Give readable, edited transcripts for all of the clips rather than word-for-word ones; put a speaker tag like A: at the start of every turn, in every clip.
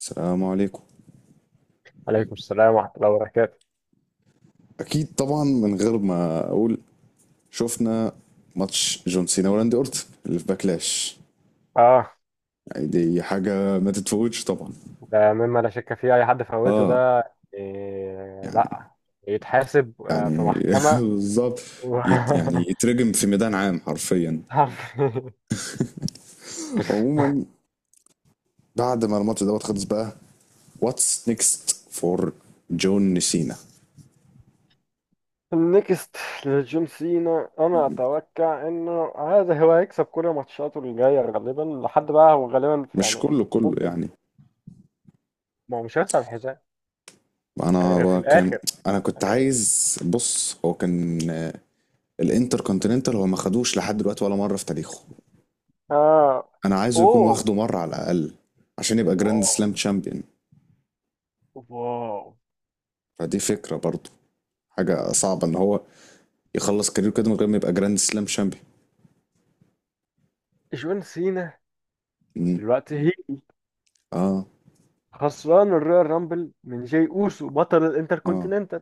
A: السلام عليكم.
B: عليكم السلام ورحمة الله وبركاته.
A: اكيد طبعا من غير ما اقول. شفنا ماتش جون سينا وراندي اورتن اللي في باكلاش.
B: اه،
A: يعني دي حاجه ما تتفوتش طبعا.
B: ده مما لا شك فيه، اي حد فوته
A: اه.
B: ده إيه؟
A: يعني
B: لا يتحاسب في
A: يعني
B: محكمة
A: بالظبط.
B: و...
A: يعني يترجم في ميدان عام حرفيا. عموما بعد ما الماتش دوت خلص بقى، واتس نيكست فور جون سينا؟
B: النكست لجون سينا، انا اتوقع انه هذا هو هيكسب كل ماتشاته الجاية غالبا لحد بقى هو غالبا في
A: مش
B: يعني
A: كله كله
B: ممكن.
A: يعني.
B: ما هو مش هيخسر الحزام يعني غير في
A: انا كان
B: الاخر
A: انا كنت
B: يعني.
A: عايز. بص هو كان الانتر كونتيننتال هو ما خدوش لحد دلوقتي ولا مره في تاريخه.
B: اه
A: انا عايزه يكون
B: اوه
A: واخده مرة على الاقل، عشان يبقى جراند
B: واو
A: سلام شامبيون.
B: واو.
A: فدي فكرة برضو، حاجة صعبة ان هو يخلص كاريره كده من غير ما يبقى جراند سلام شامبيون.
B: جون سينا
A: امم
B: دلوقتي
A: اه.
B: خسران الرويال رامبل من جاي اوسو بطل
A: اه.
B: الانتركونتيننتال.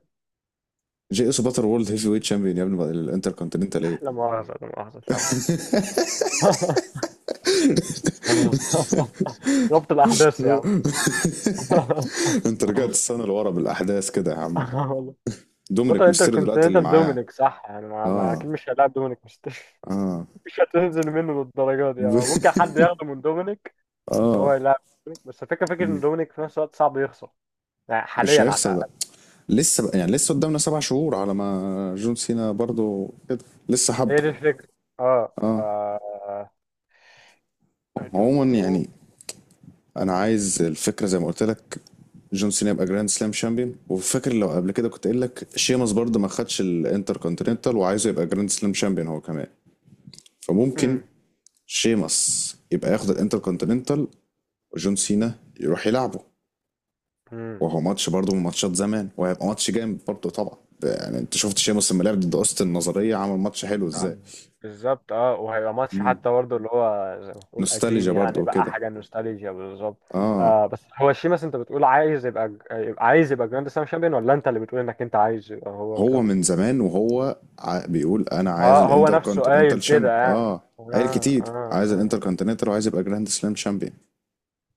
A: جي اس باتر وورلد هيفي ويت شامبيون يا ابني بقى، الانتر كونتيننتال ايه؟
B: احلى مؤاخذه، لا مؤاخذه اتلخبط. ربط الاحداث يا عم.
A: انت رجعت السنة لورا بالاحداث كده يا عم.
B: والله. بطل
A: دومينيك ميستيريو دلوقتي اللي
B: انتركونتيننتال
A: معاه.
B: دومينيك صح، يعني اكيد
A: اه.
B: مش هيلاعب دومينيك، مش
A: اه.
B: مش هتنزل منه للدرجه دي، يعني ممكن حد ياخده من دومينيك
A: اه.
B: وهو يلعب دومينيك، بس الفكره فكره ان
A: مم.
B: دومينيك في نفس الوقت صعب يخسر، يعني
A: مش
B: حاليا على
A: هيخسر ده،
B: الاقل.
A: لسه بقى يعني، لسه قدامنا سبع شهور على ما جون سينا برضو كده لسه
B: هي
A: حبة.
B: دي الفكره. اه ف
A: اه.
B: I don't
A: عموما
B: know.
A: يعني، انا عايز الفكره زي ما قلت لك. جون سينا يبقى جراند سلام شامبيون، وفاكر لو قبل كده كنت قايل لك شيمس برضه ما خدش الانتر كونتيننتال وعايزه يبقى جراند سلام شامبيون هو كمان. فممكن
B: مم.
A: شيمس يبقى ياخد الانتر كونتيننتال وجون سينا يروح يلعبه،
B: مم.
A: وهو ماتش برضه من ماتشات زمان وهيبقى ماتش جامد برضه طبعا. يعني انت شفت شيمس لما لعب ضد اوستن النظريه عمل ماتش حلو
B: آه،
A: ازاي.
B: بالظبط، اه، وهيبقى ماتش
A: مم.
B: حتى برضه اللي هو زي ما تقول قديم،
A: نوستالجيا برضه
B: يعني بقى
A: وكده.
B: حاجه نوستالجيا بالظبط.
A: اه.
B: آه بس هو شيماس، انت بتقول عايز يبقى، عايز يبقى جراند سلام شامبيون، ولا انت اللي بتقول انك انت عايز يبقى هو
A: هو
B: جراند؟
A: من زمان وهو بيقول انا عايز
B: اه هو
A: الانتر
B: نفسه قايل
A: كونتيننتال
B: كده
A: شامبيون.
B: يعني.
A: اه. قال
B: اه
A: كتير
B: اه
A: عايز الانتر
B: اه.
A: كونتيننتال وعايز يبقى جراند سلام شامبيون.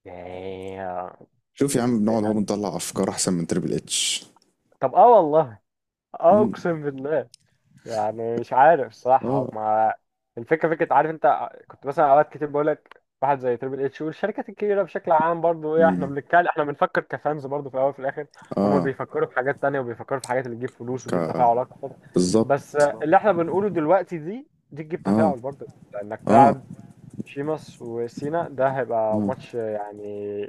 B: ياه.
A: شوف يا عم،
B: ممكن دي
A: بنقعد اهو
B: حاجه.
A: بنطلع افكار احسن من تريبل اتش.
B: طب اه والله، اه اقسم بالله، يعني مش عارف صراحة
A: اه.
B: ما. الفكرة فكرة، عارف انت كنت مثلا اوقات كتير بقول لك واحد زي تريبل اتش والشركات الكبيرة بشكل عام برضو ايه، احنا بنتكلم بنفكر كفانز برضو في الاول وفي الاخر، هما بيفكروا في حاجات تانية وبيفكروا في حاجات اللي تجيب فلوس
A: ك...
B: وتجيب تفاعل اكتر. بس
A: بالظبط.
B: بالظبط اللي احنا بنقوله دلوقتي دي تجيب
A: اه.
B: تفاعل برضو، لانك
A: اه.
B: تلعب شيماس وسينا، ده هيبقى ماتش يعني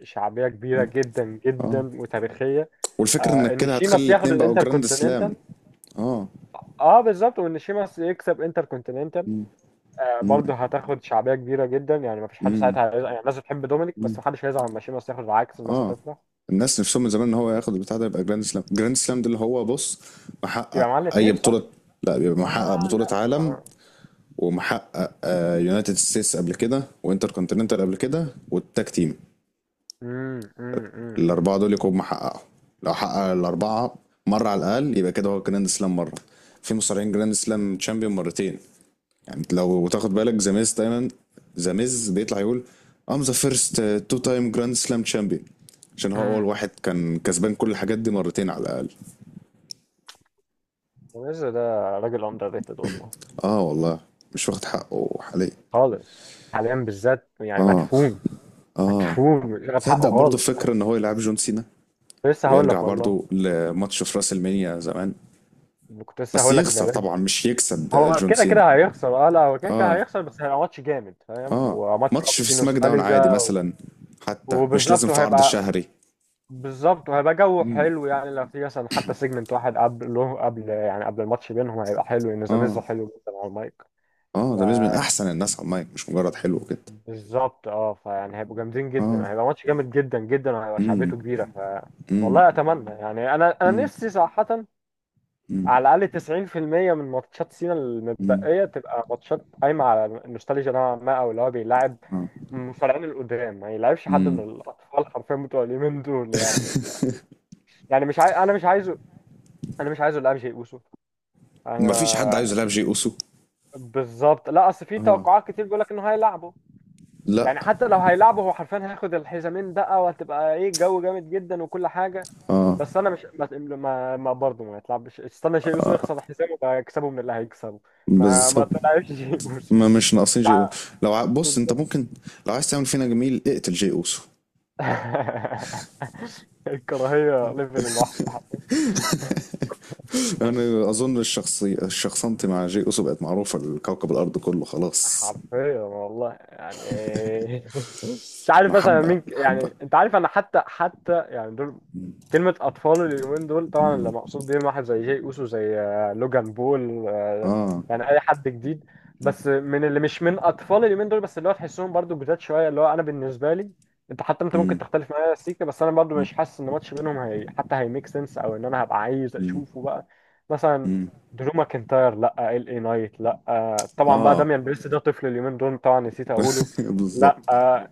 B: شعبية كبيرة جدا
A: اه.
B: جدا وتاريخية.
A: والفكره
B: آه
A: انك
B: ان
A: كده هتخلي
B: شيماس ياخد
A: الاتنين بقوا
B: الانتر،
A: جراند سلام. اه.
B: اه بالظبط، وان شيماس يكسب انتر كونتيننتال. آه برضه هتاخد شعبيه كبيره جدا، يعني مفيش حد
A: امم.
B: ساعتها هيزعل، يعني الناس بتحب دومينيك
A: أمم.
B: بس محدش هيزعل لما شيماس ياخد، العكس الناس
A: اه.
B: هتفرح.
A: الناس نفسهم من زمان ان هو ياخد البتاع ده، يبقى جراند سلام. جراند سلام ده اللي هو، بص،
B: يبقى
A: محقق
B: معانا
A: اي
B: الاثنين صح؟
A: بطوله. لا، بيبقى محقق
B: اه
A: بطوله
B: لا
A: عالم،
B: آه.
A: ومحقق يونايتد ستيتس قبل كده، وانتر كونتيننتال قبل كده، والتاج تيم.
B: امم امم امم
A: الاربعه دول يكونوا محققهم. لو حقق الاربعه مره على الاقل يبقى كده هو جراند سلام مره. في مصارعين جراند سلام تشامبيون مرتين. يعني انت لو تاخد بالك ذا ميز دايما، ذا ميز بيطلع يقول ذا فيرست تو تايم جراند سلام تشامبيون، عشان هو اول
B: امم.
A: واحد كان كسبان كل الحاجات دي مرتين على الاقل.
B: ويز ده راجل اندر ريتد والله.
A: اه والله. مش واخد حقه حاليا.
B: خالص. حاليا بالذات يعني
A: اه.
B: مدفون،
A: اه.
B: مدفون مش واخد
A: تصدق
B: حقه
A: برضه
B: خالص
A: فكره ان
B: يعني.
A: هو يلعب جون سينا،
B: كنت لسه هقول
A: ويرجع
B: لك والله،
A: برضو لماتش في راس المنيا زمان.
B: كنت لسه
A: بس
B: هقول لك
A: يخسر
B: ده.
A: طبعا، مش يكسب
B: هو
A: جون
B: كده
A: سينا.
B: كده هيخسر، اه لا هو كده كده
A: اه.
B: هيخسر، بس هيبقى ماتش جامد فاهم،
A: اه.
B: وماتش
A: ماتش
B: برضه
A: في
B: فيه
A: سماك داون عادي
B: نوستالجيا و...
A: مثلا، حتى مش لازم
B: وبالظبط
A: في عرض
B: وهيبقى
A: شهري.
B: بالظبط وهيبقى جو
A: مم.
B: حلو، يعني لو في مثلا حتى سيجمنت واحد قبل يعني قبل الماتش بينهم، هيبقى حلو، ان زاميزو
A: اه.
B: حلو جدا على المايك.
A: اه. ده بيز من احسن الناس على المايك، مش مجرد حلو كده.
B: فبالظبط اه فيعني هيبقوا جامدين جدا،
A: اه.
B: يعني هيبقى ماتش جامد جدا جدا وهيبقى
A: امم.
B: شعبيته كبيره ف.
A: امم.
B: والله اتمنى يعني، انا
A: امم.
B: نفسي صراحه
A: امم.
B: على الأقل 90% من ماتشات سينا
A: امم.
B: المتبقية تبقى ماتشات قايمة على النوستالجيا نوعا ما، أو اللي هو بيلاعب
A: اه.
B: المصارعين القدام، ما يلعبش حد من
A: امم.
B: الأطفال حرفيا بتوع اليومين دول يعني ف... يعني مش عاي... أنا مش عايزه، أنا مش عايزه يلعب شيء أوسو.
A: مفيش حد
B: أنا
A: عايز يلعب جي اوسو.
B: بالظبط، لا أصل في
A: اه.
B: توقعات كتير بيقول لك إنه هيلعبه.
A: لا.
B: يعني حتى لو هيلعبوا، هو حرفيا هياخد الحزامين بقى، وهتبقى ايه جو جامد جدا وكل حاجه.
A: اه،
B: بس انا مش ما ما, ما برضه ما يتلعبش، استنى شيء يوسف يخسر حزامه بقى يكسبه من اللي هيكسبه. ما ما
A: بالظبط.
B: تلعبش شيء يوسف.
A: ما مش ناقصين
B: مش
A: جي
B: عارف.
A: اوسو. لو بص انت
B: بالظبط.
A: ممكن، لو عايز تعمل فينا جميل، اقتل جي اوسو.
B: الكراهيه ليفل الوحش. حرفياً.
A: يعني اظن الشخصنت مع جي اوسو بقت معروفه لكوكب الارض كله خلاص.
B: حرفيا والله يعني. مش عارف مثلا
A: محبه
B: مين
A: محبه.
B: يعني انت عارف انا حتى يعني دول كلمة أطفال اليومين دول طبعا اللي مقصود بيهم واحد زي جاي أوسو، زي لوجان بول
A: اه.
B: يعني أي حد جديد، بس من اللي مش من أطفال اليومين دول، بس اللي هو تحسهم برضو جداد شوية، اللي هو أنا بالنسبة لي، أنت حتى أنت ممكن
A: امم.
B: تختلف معايا يا سيكا، بس أنا برضو مش حاسس إن ماتش بينهم هي حتى هيميك سنس، أو إن أنا هبقى عايز
A: امم.
B: أشوفه بقى مثلا.
A: امم.
B: درو ماكنتاير لا، ال اي نايت لا طبعا، بقى
A: اه.
B: داميان بيرست ده طفل اليومين دول طبعا، نسيت اقوله. لا
A: بالظبط.
B: آه،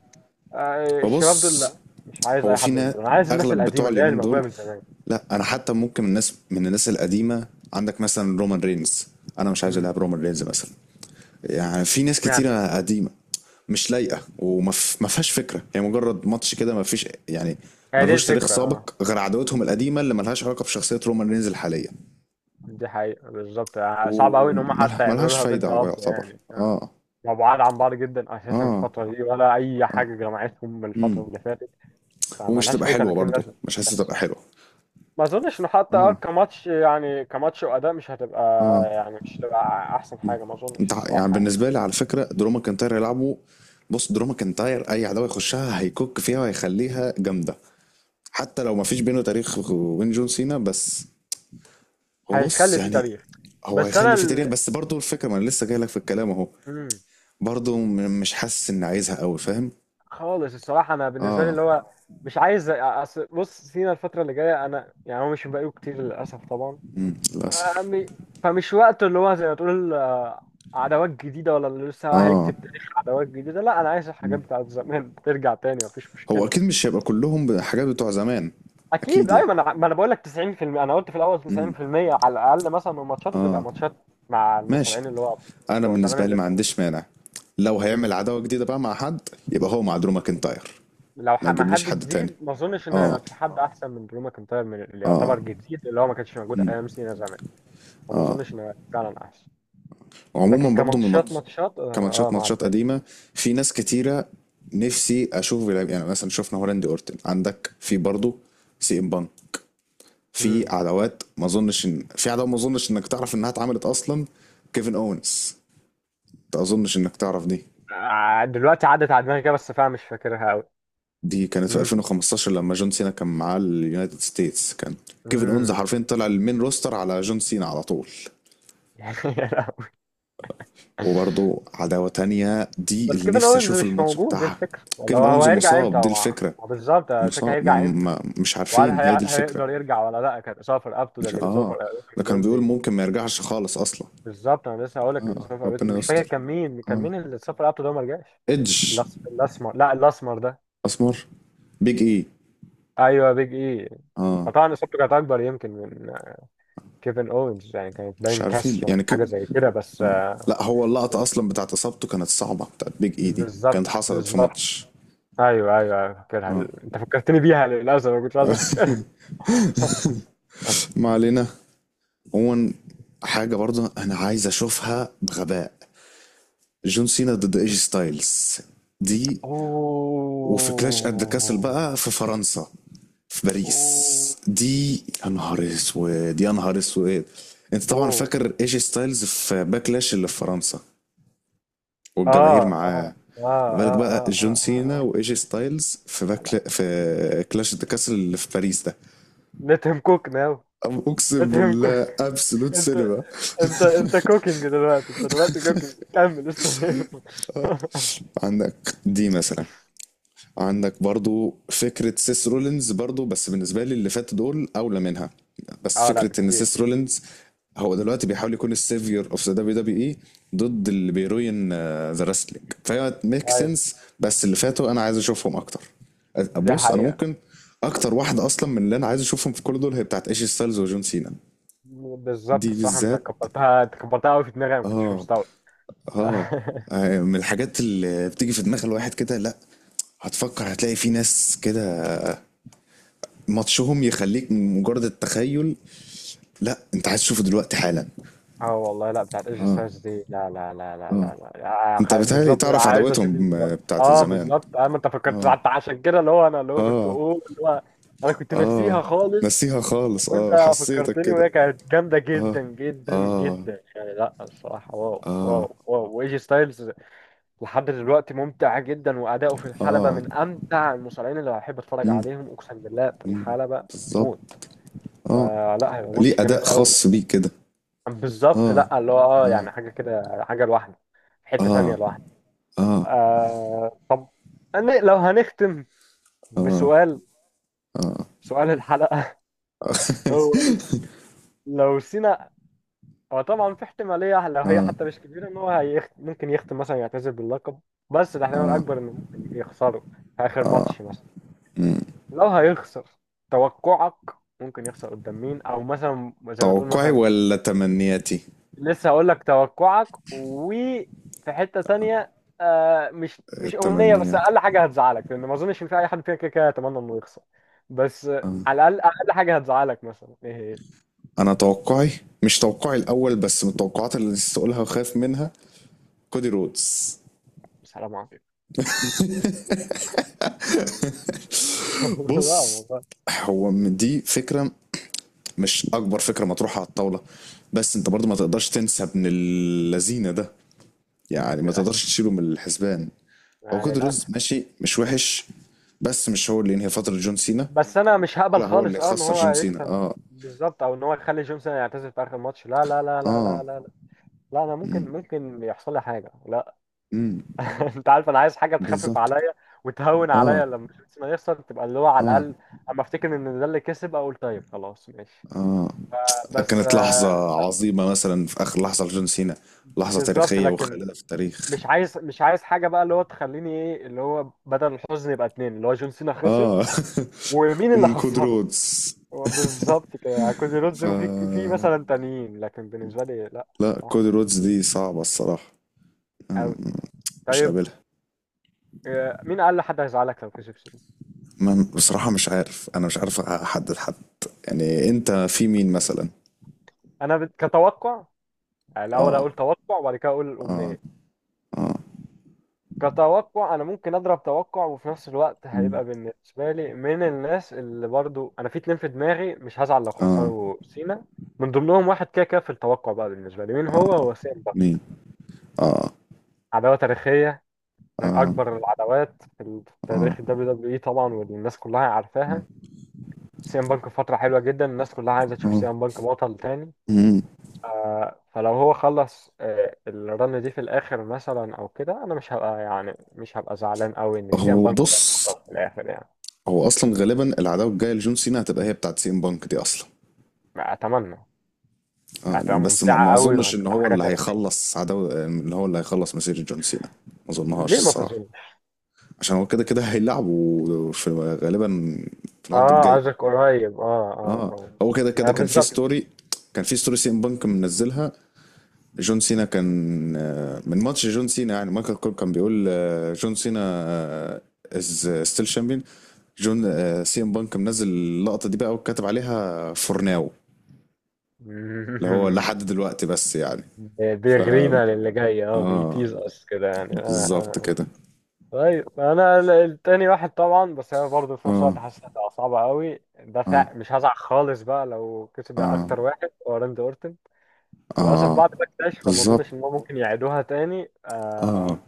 B: آه، الشباب دول
A: وبص،
B: لا. مش عايز
A: هو
B: اي حد من
A: فينا
B: دول، انا عايز الناس
A: اغلب بتوع
B: القديمه اللي هي
A: اليومين
B: الموجوده
A: دول.
B: من زمان.
A: لا انا حتى ممكن الناس، من الناس القديمه، عندك مثلا رومان رينز، انا مش عايز
B: امم.
A: العب رومان رينز مثلا. يعني في ناس
B: اشمعنى؟
A: كتيرة قديمة مش لايقة، وما ف- ما فيهاش فكرة، هي مجرد ماتش كده ما فيش يعني.
B: هي دي
A: ملهوش تاريخ
B: الفكره اه.
A: سابق غير عداوتهم القديمة اللي ملهاش علاقة بشخصية رومان رينز الحالية.
B: دي حقيقه بالظبط، آه، صعب قوي ان هم حتى يعملوا
A: وملهاش
B: لها
A: فايدة،
B: بيلد
A: هو
B: اب
A: يعتبر.
B: يعني آه.
A: اه.
B: مبعاد عن بعض جدا اساسا
A: اه.
B: الفتره دي، ولا اي
A: اه.
B: حاجه جمعتهم من الفتره
A: امم.
B: اللي فاتت،
A: ومش
B: فملهاش
A: تبقى
B: اي
A: حلوة
B: 30
A: برضه،
B: لازمه.
A: مش حاسس
B: بس
A: تبقى حلوة.
B: ما اظنش انه حتى اه
A: اه.
B: كماتش، يعني كماتش واداء مش هتبقى،
A: اه.
B: يعني مش هتبقى احسن حاجه ما اظنش
A: انت يعني
B: الصراحه يعني.
A: بالنسبة لي، على فكرة درو ماكنتاير يلعبوا. بص درو ماكنتاير اي عداوة يخشها هيكوك فيها وهيخليها جامدة، حتى لو ما فيش بينه تاريخ وين جون سينا. بس هو بص
B: هيخلي فيه
A: يعني،
B: تاريخ،
A: هو
B: بس انا
A: هيخلي في تاريخ،
B: ال...
A: بس برضه الفكرة، ما انا لسه جاي لك في الكلام اهو.
B: مم.
A: برضه مش حاسس اني عايزها قوي، فاهم.
B: خالص الصراحه انا بالنسبه لي
A: اه.
B: اللي هو مش عايز أصل بص سينا الفتره اللي جايه انا يعني، هو مش بقاله كتير للاسف طبعا، آه،
A: للاسف.
B: فمش وقته اللي هو زي ما تقول آه، عداوات جديده ولا اللي لسه
A: اه.
B: هيكتب تاريخ عداوات جديده، لا انا عايز الحاجات بتاعت زمان ترجع تاني مفيش
A: هو
B: مشكله.
A: اكيد مش هيبقى كلهم حاجات بتوع زمان.
B: اكيد
A: اكيد يعني.
B: ايوه، ما انا بقول لك 90%، انا قلت في الاول
A: امم.
B: 90% على الاقل مثلا من ماتشاته تبقى
A: اه.
B: ماتشات مع
A: ماشي.
B: المصارعين اللي هو
A: انا
B: بتوع زمان
A: بالنسبة لي
B: اللي
A: ما
B: لسه
A: عنديش
B: موجودين.
A: مانع لو هيعمل
B: مم.
A: عداوة جديدة بقى مع حد، يبقى هو مع درو ماكنتاير. ما
B: مع
A: يجيبليش
B: حد
A: حد تاني.
B: جديد، ما اظنش ان
A: اه.
B: هيبقى في حد احسن من درو ماكنتاير، من اللي يعتبر جديد اللي هو ما كانش موجود ايام سينا زمان، فما اظنش ان هيبقى فعلا احسن. لكن
A: عموما برضو، من
B: كماتشات،
A: الماتش،
B: ماتشات آه
A: كماتشات،
B: مع
A: ماتشات
B: الباقي.
A: قديمة، في ناس كتيرة نفسي أشوف بيلعب. يعني مثلا شفنا هولندي أورتن، عندك في برضو سي إم بان، في
B: مم.
A: عداوات ما أظنش إن في عداوة ما أظنش إنك تعرف إنها اتعملت أصلا، كيفن أوينز. ما أظنش إنك تعرف دي.
B: آه دلوقتي عدت على دماغي كده بس فعلا مش فاكرها قوي.
A: دي كانت في 2015 لما جون سينا كان معاه اليونايتد ستيتس كان كيفن أوينز
B: امم.
A: حرفيا طلع المين روستر على جون سينا على طول. وبرضو عداوة تانية دي
B: بس
A: اللي
B: كيفن
A: نفسي
B: اوينز
A: أشوف
B: مش
A: الماتش
B: موجود، دي
A: بتاعها.
B: الفكره، ولا
A: كيفن
B: هو، هو
A: أونز
B: هيرجع امتى؟
A: مصاب، دي
B: هو
A: الفكرة.
B: هو بالظبط الفكره،
A: مصاب، ما
B: هيرجع امتى؟
A: ما مش
B: وهل
A: عارفين، هي
B: هي...
A: دي الفكرة.
B: هيقدر يرجع ولا لا؟ كان اصابه في رقبته، ده
A: مش
B: اللي بيصاب
A: اه.
B: رقبته
A: ده كان
B: دول
A: بيقول
B: بي...
A: ممكن ما يرجعش خالص اصلا.
B: بالظبط، انا لسه هقول لك اللي
A: اه،
B: بيصاب رقبته
A: ربنا
B: مش فاكر
A: يستر.
B: كان مين، كان مين اللي اتصاب في رقبته ده وما رجعش؟
A: ايدج.
B: الاسمر، لا الاسمر ده،
A: اسمر. بيج اي.
B: ايوه بيج اي.
A: اه.
B: فطبعا اصابته كانت اكبر يمكن من كيفن اوينز يعني، كانت
A: مش
B: باين
A: عارفين
B: كسر ولا
A: يعني
B: حاجه زي كده بس.
A: لا، هو اللقطة اصلا بتاعت اصابته كانت صعبة، بتاعت بيج اي دي
B: بالظبط
A: كانت حصلت في
B: بالظبط،
A: ماتش.
B: ايوه ايوه أيوة، فاكرها.
A: اه.
B: انت فكرتني بيها للاسف، ما كنتش عايز افتكرها.
A: ما علينا. عموما، حاجة برضه انا عايز اشوفها بغباء، جون سينا ضد ايجي ستايلز. دي، وفي كلاش ات ذا كاسل
B: اوه
A: بقى في فرنسا، في باريس.
B: اوه
A: دي يا نهار اسود يا نهار اسود. انت طبعا
B: اوه.
A: فاكر ايجي ستايلز في باكلاش اللي في فرنسا والجماهير
B: اه
A: معاه.
B: اه اه
A: ما بالك بقى
B: اه
A: جون
B: اه اه
A: سينا
B: اه
A: وايجي ستايلز في
B: اه.
A: باكلا
B: لا لا،
A: في كلاش ذا كاسل اللي في باريس ده؟
B: لا، let him cook now. let
A: اقسم
B: him cook.
A: بالله، ابسولوت
B: انت
A: سينما.
B: انت انت كوكينج دلوقتي، انت دلوقتي كوكينج، كمل استمر.
A: عندك دي مثلا، عندك برضو فكرة سيس رولينز، برضو بس بالنسبة لي اللي فات دول أولى منها. بس
B: اه لا
A: فكرة إن
B: بكتير.
A: سيس رولينز هو دلوقتي بيحاول يكون السيفير اوف ذا دبليو دبليو اي ضد اللي بيروين ذا رسلينج، فهي ميك
B: اي
A: سنس، بس اللي فاتوا انا عايز اشوفهم اكتر.
B: دي
A: بص انا
B: حقيقة.
A: ممكن، اكتر واحدة اصلا من اللي انا عايز اشوفهم في كل دول هي بتاعت ايشي ستايلز وجون سينا. دي
B: بالظبط صح،
A: بالذات.
B: انت كبرتها قوي في دماغي، انا ما كنتش
A: اه.
B: مستوعب.
A: اه. آه، من الحاجات اللي بتيجي في دماغ الواحد كده. لا هتفكر هتلاقي في ناس كده ماتشهم يخليك من مجرد التخيل، لا انت عايز تشوفه دلوقتي حالا.
B: اه والله، لا بتاعت ايج
A: اه.
B: ستايلز دي لا لا لا لا
A: اه.
B: لا لا، آه،
A: انت بتهيألي
B: بالظبط
A: تعرف
B: عايز اشوف
A: عداوتهم
B: دلوقتي،
A: بتاعت
B: اه
A: زمان.
B: بالظبط، انا انت فكرت
A: اه.
B: حتى عشان كده، اللي هو كنت
A: اه.
B: اقول اللي هو انا كنت
A: اه.
B: ناسيها خالص،
A: نسيها خالص اه،
B: وانت
A: حسيتك
B: فكرتني،
A: كده.
B: وهي كانت جامده جدا جدا
A: اه.
B: جدا يعني لا الصراحه، واو واو واو. وايج ستايلز لحد دلوقتي ممتع جدا، واداؤه في الحلبه
A: اه.
B: من امتع المصارعين اللي بحب اتفرج
A: مم.
B: عليهم اقسم بالله، في الحلبه موت.
A: بالظبط. اه.
B: فلا هيبقى
A: ليه
B: ماتش
A: اداء
B: جامد قوي.
A: خاص بيه كده.
B: بالظبط
A: اه.
B: لا اللي هو يعني حاجة كده، حاجة لوحده، حتة
A: اه.
B: ثانية لوحده.
A: اه.
B: آه طب، أنا لو هنختم بسؤال، سؤال الحلقة. هو لو سينا، هو طبعا في احتمالية لو هي حتى مش كبيرة، ان هو ممكن يختم مثلا، يعتزل باللقب، بس الاحتمال الأكبر انه ممكن يخسره في آخر ماتش مثلا. لو هيخسر، توقعك، ممكن يخسر قدام مين، او مثلا زي ما تقول
A: توقعي
B: مثلا.
A: ولا تمنياتي؟
B: لسه هقول لك توقعك، وفي حتة تانية آه، مش مش أمنية، بس
A: التمنيات.
B: أقل حاجة هتزعلك، لأن ما أظنش إن في أي حد فينا كده كده يتمنى إنه يخسر، بس آه،
A: آه.
B: على الأقل أقل حاجة هتزعلك مثلا إيه هي.
A: انا توقعي، مش توقعي الاول بس، من التوقعات اللي نسيت اقولها وخايف منها، كودي رودز.
B: السلام عليكم. لا
A: بص،
B: والله.
A: هو من دي فكرة، مش أكبر فكرة مطروحة على الطاولة، بس أنت برضو ما تقدرش تنسى ابن اللذينة ده،
B: آه،
A: يعني ما
B: للأسف،
A: تقدرش تشيله من الحسبان. هو
B: آه
A: كود روز
B: للأسف.
A: ماشي، مش وحش، بس مش هو اللي ينهي فترة جون سينا،
B: بس أنا مش هقبل
A: ولا هو اللي
B: خالص أه إن
A: يخسر
B: هو
A: جون سينا.
B: يكسب،
A: اه.
B: بالظبط، أو إن هو يخلي جونسون يعتزل في آخر ماتش، لا لا لا لا لا
A: اه.
B: لا، لا أنا
A: مم.
B: ممكن ممكن يحصل لي حاجة لا.
A: مم.
B: انت عارف انا عايز حاجه تخفف
A: بالظبط.
B: عليا وتهون
A: اه.
B: عليا لما شيرتسون يخسر، تبقى اللي هو على
A: اه.
B: الاقل اما افتكر ان ده اللي كسب اقول طيب خلاص ماشي.
A: اه.
B: بس
A: كانت لحظة
B: آه،
A: عظيمة، مثلا في آخر لحظة لجون سينا، لحظة
B: بالظبط
A: تاريخية
B: لكن،
A: وخالدة في التاريخ.
B: مش عايز حاجه بقى اللي هو تخليني ايه، اللي هو بدل الحزن يبقى اتنين، اللي هو جون سينا خسر
A: اه.
B: ومين اللي
A: ومن كود
B: خسره.
A: رودز.
B: هو بالظبط كده يعني، كودي رودز
A: ف
B: وفي في مثلا تانيين، لكن بالنسبه لي لا
A: لا، كودي
B: الصراحه
A: رودز دي صعبة الصراحة.
B: قوي.
A: أم- مش
B: طيب
A: قابلها.
B: آه، مين اقل حد هيزعلك لو كسب سينا؟
A: ما بصراحة مش عارف، أنا مش عارف أحدد حد. يعني أنت في مين مثلا؟
B: انا كتوقع، يعني الاول
A: آه.
B: اقول توقع وبعد كده اقول
A: آه.
B: الامنيه.
A: آه.
B: كتوقع انا ممكن اضرب توقع، وفي نفس الوقت
A: مم.
B: هيبقى بالنسبه لي من الناس اللي برضو انا في اتنين في دماغي مش هزعل لو
A: آه.
B: خسروا سينا، من ضمنهم واحد كده كده في التوقع بقى بالنسبه لي، مين هو؟ هو سيمبا.
A: مين؟ آه.
B: عداوه تاريخيه، من
A: آه.
B: اكبر العداوات في في
A: آه.
B: تاريخ الدبليو دبليو اي طبعا، والناس كلها عارفاها. سي ام بانك في فتره حلوه جدا، الناس كلها عايزه تشوف سي
A: آه.
B: ام بانك بطل تاني.
A: مم.
B: فلو هو خلص آه، الرن دي في الاخر مثلا او كده، انا مش هبقى يعني مش هبقى زعلان قوي ان سي ام
A: هو
B: بانك هو
A: بص،
B: البطل في الاخر يعني.
A: هو أصلا غالبا العداوة الجاية لجون سينا هتبقى هي بتاعت سي ام بانك دي أصلا.
B: اتمنى.
A: آه،
B: هتبقى
A: بس ما,
B: ممتعه
A: ما
B: قوي
A: أظنش إن
B: وهتبقى
A: هو
B: حاجه
A: اللي
B: تاريخيه.
A: هيخلص عداوة، إن هو اللي هيخلص مسيرة جون سينا، ما أظنهاش
B: ليه ما
A: الصراحة.
B: تظن؟
A: عشان هو كده كده هيلعبوا في غالبا، في العرض
B: اه
A: الجاي.
B: قصدك قريب، اه اه
A: اه.
B: اه.
A: هو كده
B: ما
A: كده كان في
B: بالظبط.
A: ستوري، كان في ستوري سي ام بانك منزلها، جون سينا كان، آه، من ماتش جون سينا يعني مايكل كول كان بيقول آه، جون سينا از ستيل شامبيون، جون. آه، سي ام بانك منزل اللقطة دي بقى، وكاتب عليها فور ناو اللي هو لحد دلوقتي، بس يعني ف
B: بيغرينا للي جاي، اه
A: اه،
B: بيتيز اس كده يعني، اه اه
A: بالظبط
B: آه.
A: كده.
B: طيب انا التاني واحد طبعا، بس انا برضه في نفس
A: اه.
B: الوقت حاسس هتبقى صعبه قوي، ده
A: اه.
B: مش هزعل خالص بقى لو كسب،
A: اه.
B: اكتر واحد هو راندي اورتن. للاسف
A: اه.
B: بعد ما اكتشف فما
A: بالظبط.
B: اظنش ان هو ممكن يعيدوها تاني
A: اه.
B: آه.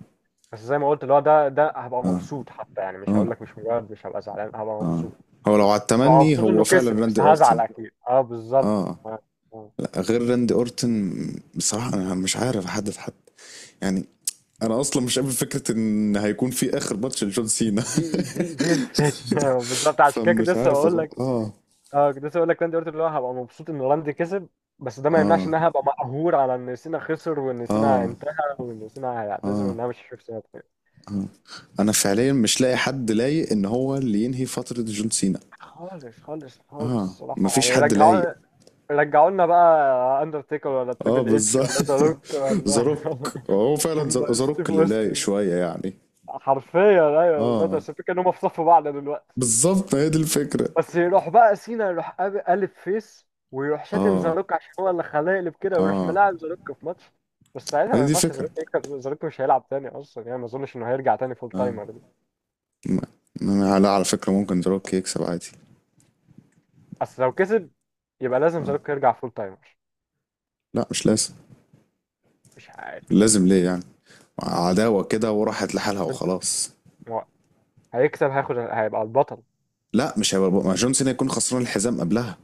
B: بس زي ما قلت اللي هو ده، ده هبقى مبسوط حتى يعني، مش
A: اه.
B: هقول لك مش مجرد مش هبقى زعلان، هبقى
A: اه.
B: مبسوط.
A: هو لو على
B: هبقى
A: التمني،
B: مبسوط، مبسوط انه
A: هو
B: اكيد كسب، بس
A: فعلا راندي
B: مبسوط، هزعل
A: اورتن.
B: مبسوط اكيد اه بالظبط.
A: اه،
B: آه، آه.
A: لا غير راندي اورتن بصراحة، انا مش عارف احدد حد يعني. انا اصلا مش قابل فكرة ان هيكون في اخر ماتش لجون سينا.
B: دي دي دي الفكره بالظبط عشان كده كنت
A: فمش
B: لسه
A: عارف
B: بقول
A: أظن.
B: لك،
A: اه.
B: اه كنت لسه بقول لك انت قلت اللي هو هبقى مبسوط ان راندي كسب، بس ده ما يمنعش
A: اه.
B: ان انا هبقى مقهور على ان سينا خسر، وان سينا
A: اه.
B: انتهى، وان سينا هيعتذر،
A: اه.
B: وان انا مش هشوف سينا تاني.
A: اه. انا فعليا مش لاقي حد لايق ان هو اللي ينهي فترة جون سينا.
B: خالص خالص خالص
A: اه،
B: الصراحه
A: مفيش
B: يعني.
A: حد لايق.
B: رجعوا، رجعوا لنا بقى اندرتيكر ولا
A: اه،
B: تريبل اتش
A: بالظبط.
B: ولا زاروك ولا
A: زاروك هو فعلا
B: هم
A: زاروك
B: ستيف
A: اللي لايق
B: اوستن.
A: شوية يعني.
B: حرفيا ايوه بالظبط،
A: اه،
B: بس الفكره ان هم في صف بعض دلوقتي.
A: بالظبط، هي دي الفكرة.
B: بس يروح بقى سينا يروح قالب فيس ويروح شاتم
A: اه.
B: زاروك عشان هو اللي خلاه يقلب كده، ويروح
A: اه،
B: ملاعب زاروك في ماتش. بس ساعتها
A: هي
B: ما
A: دي
B: ينفعش زاروك
A: الفكرة.
B: يكسب، زاروك مش هيلعب تاني اصلا يعني، ما اظنش انه هيرجع تاني فول
A: اه.
B: تايمر ده.
A: م- لا، على فكرة ممكن دروك يكسب عادي.
B: بس لو كسب يبقى لازم
A: آه.
B: زاروك يرجع فول تايمر.
A: لا مش لازم.
B: مش عارف.
A: لازم ليه يعني؟ عداوة كده وراحت لحالها
B: بس انت،
A: وخلاص.
B: هو هيكسب، هياخد، هيبقى البطل.
A: لا، مش هيبقى. ما جون سينا يكون خسران الحزام قبلها.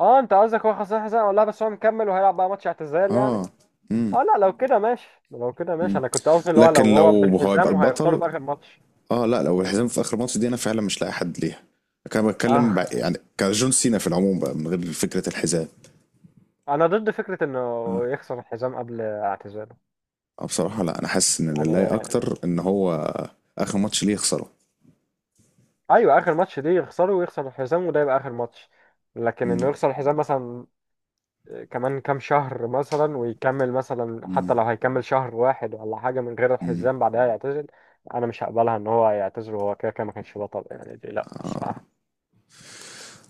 B: اه انت قصدك هو خسران حزام، ولا بس هو مكمل وهيلعب بقى ماتش اعتزال
A: اه.
B: يعني؟
A: امم.
B: اه لا لو كده ماشي، لو كده ماشي،
A: امم.
B: انا كنت قصدي اللي هو
A: لكن
B: لو هو
A: لو هو يبقى
B: بالحزام وهيخسروا
A: البطل،
B: في اخر ماتش.
A: اه لا، لو الحزام في اخر ماتش دي انا فعلا مش لاقي حد ليها. كان بتكلم
B: اه
A: يعني كجون سينا في العموم بقى، من غير فكرة الحزام.
B: انا ضد فكرة انه
A: آه.
B: يخسر الحزام قبل اعتزاله
A: اه، بصراحة لا، انا حاسس ان لله
B: يعني.
A: اكتر ان هو اخر ماتش ليه يخسره.
B: ايوه اخر ماتش دي يخسره، ويخسر الحزام، وده يبقى اخر ماتش. لكن انه
A: مم.
B: يخسر الحزام مثلا كمان كام شهر مثلا ويكمل مثلا، حتى
A: مم.
B: لو هيكمل شهر واحد ولا حاجة من غير
A: مم.
B: الحزام بعدها يعتزل، انا مش هقبلها ان هو يعتزل وهو كده كده ما كانش بطل، يعني دي لا
A: آه.
B: الصراحة.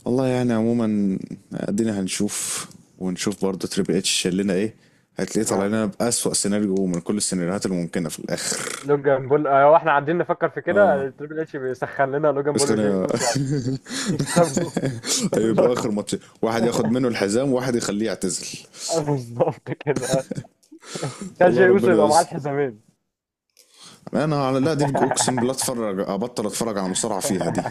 A: والله يعني. عموما، ادينا هنشوف، ونشوف برضه تريبل اتش شال لنا ايه، هتلاقيه طالع
B: آه.
A: لنا بأسوأ سيناريو من كل السيناريوهات الممكنة في الاخر.
B: لوجان بول آه، واحنا قاعدين نفكر في كده
A: اه،
B: آه، تريبل اتش بيسخن لنا لوجان
A: بس
B: بول وجاي
A: خلينا.
B: اوسو عشان يكسبوا
A: أيوة، يبقى اخر
B: اللقب،
A: ماتش واحد ياخد منه الحزام وواحد يخليه يعتزل.
B: آه، بالظبط كده، كان
A: الله،
B: جاي اوسو
A: ربنا
B: يبقى معاه
A: يستر.
B: الحزامين.
A: انا على لا دي، اقسم بالله اتفرج، ابطل اتفرج على مصارعة فيها دي.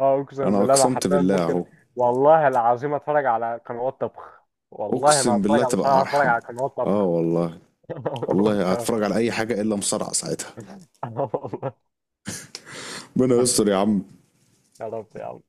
B: اه اقسم
A: انا
B: بالله انا
A: اقسمت
B: حرفيا
A: بالله
B: ممكن،
A: اهو.
B: والله العظيم اتفرج على قنوات طبخ، والله ما
A: اقسم
B: هتفرج
A: بالله
B: على
A: تبقى
B: مصارعه، هتفرج
A: ارحم.
B: على قنوات
A: اه
B: طبخ.
A: والله. والله هتفرج على اي حاجه الا مصارعه ساعتها.
B: أنا والله.
A: ربنا يستر يا عم.
B: يا رب يا عم.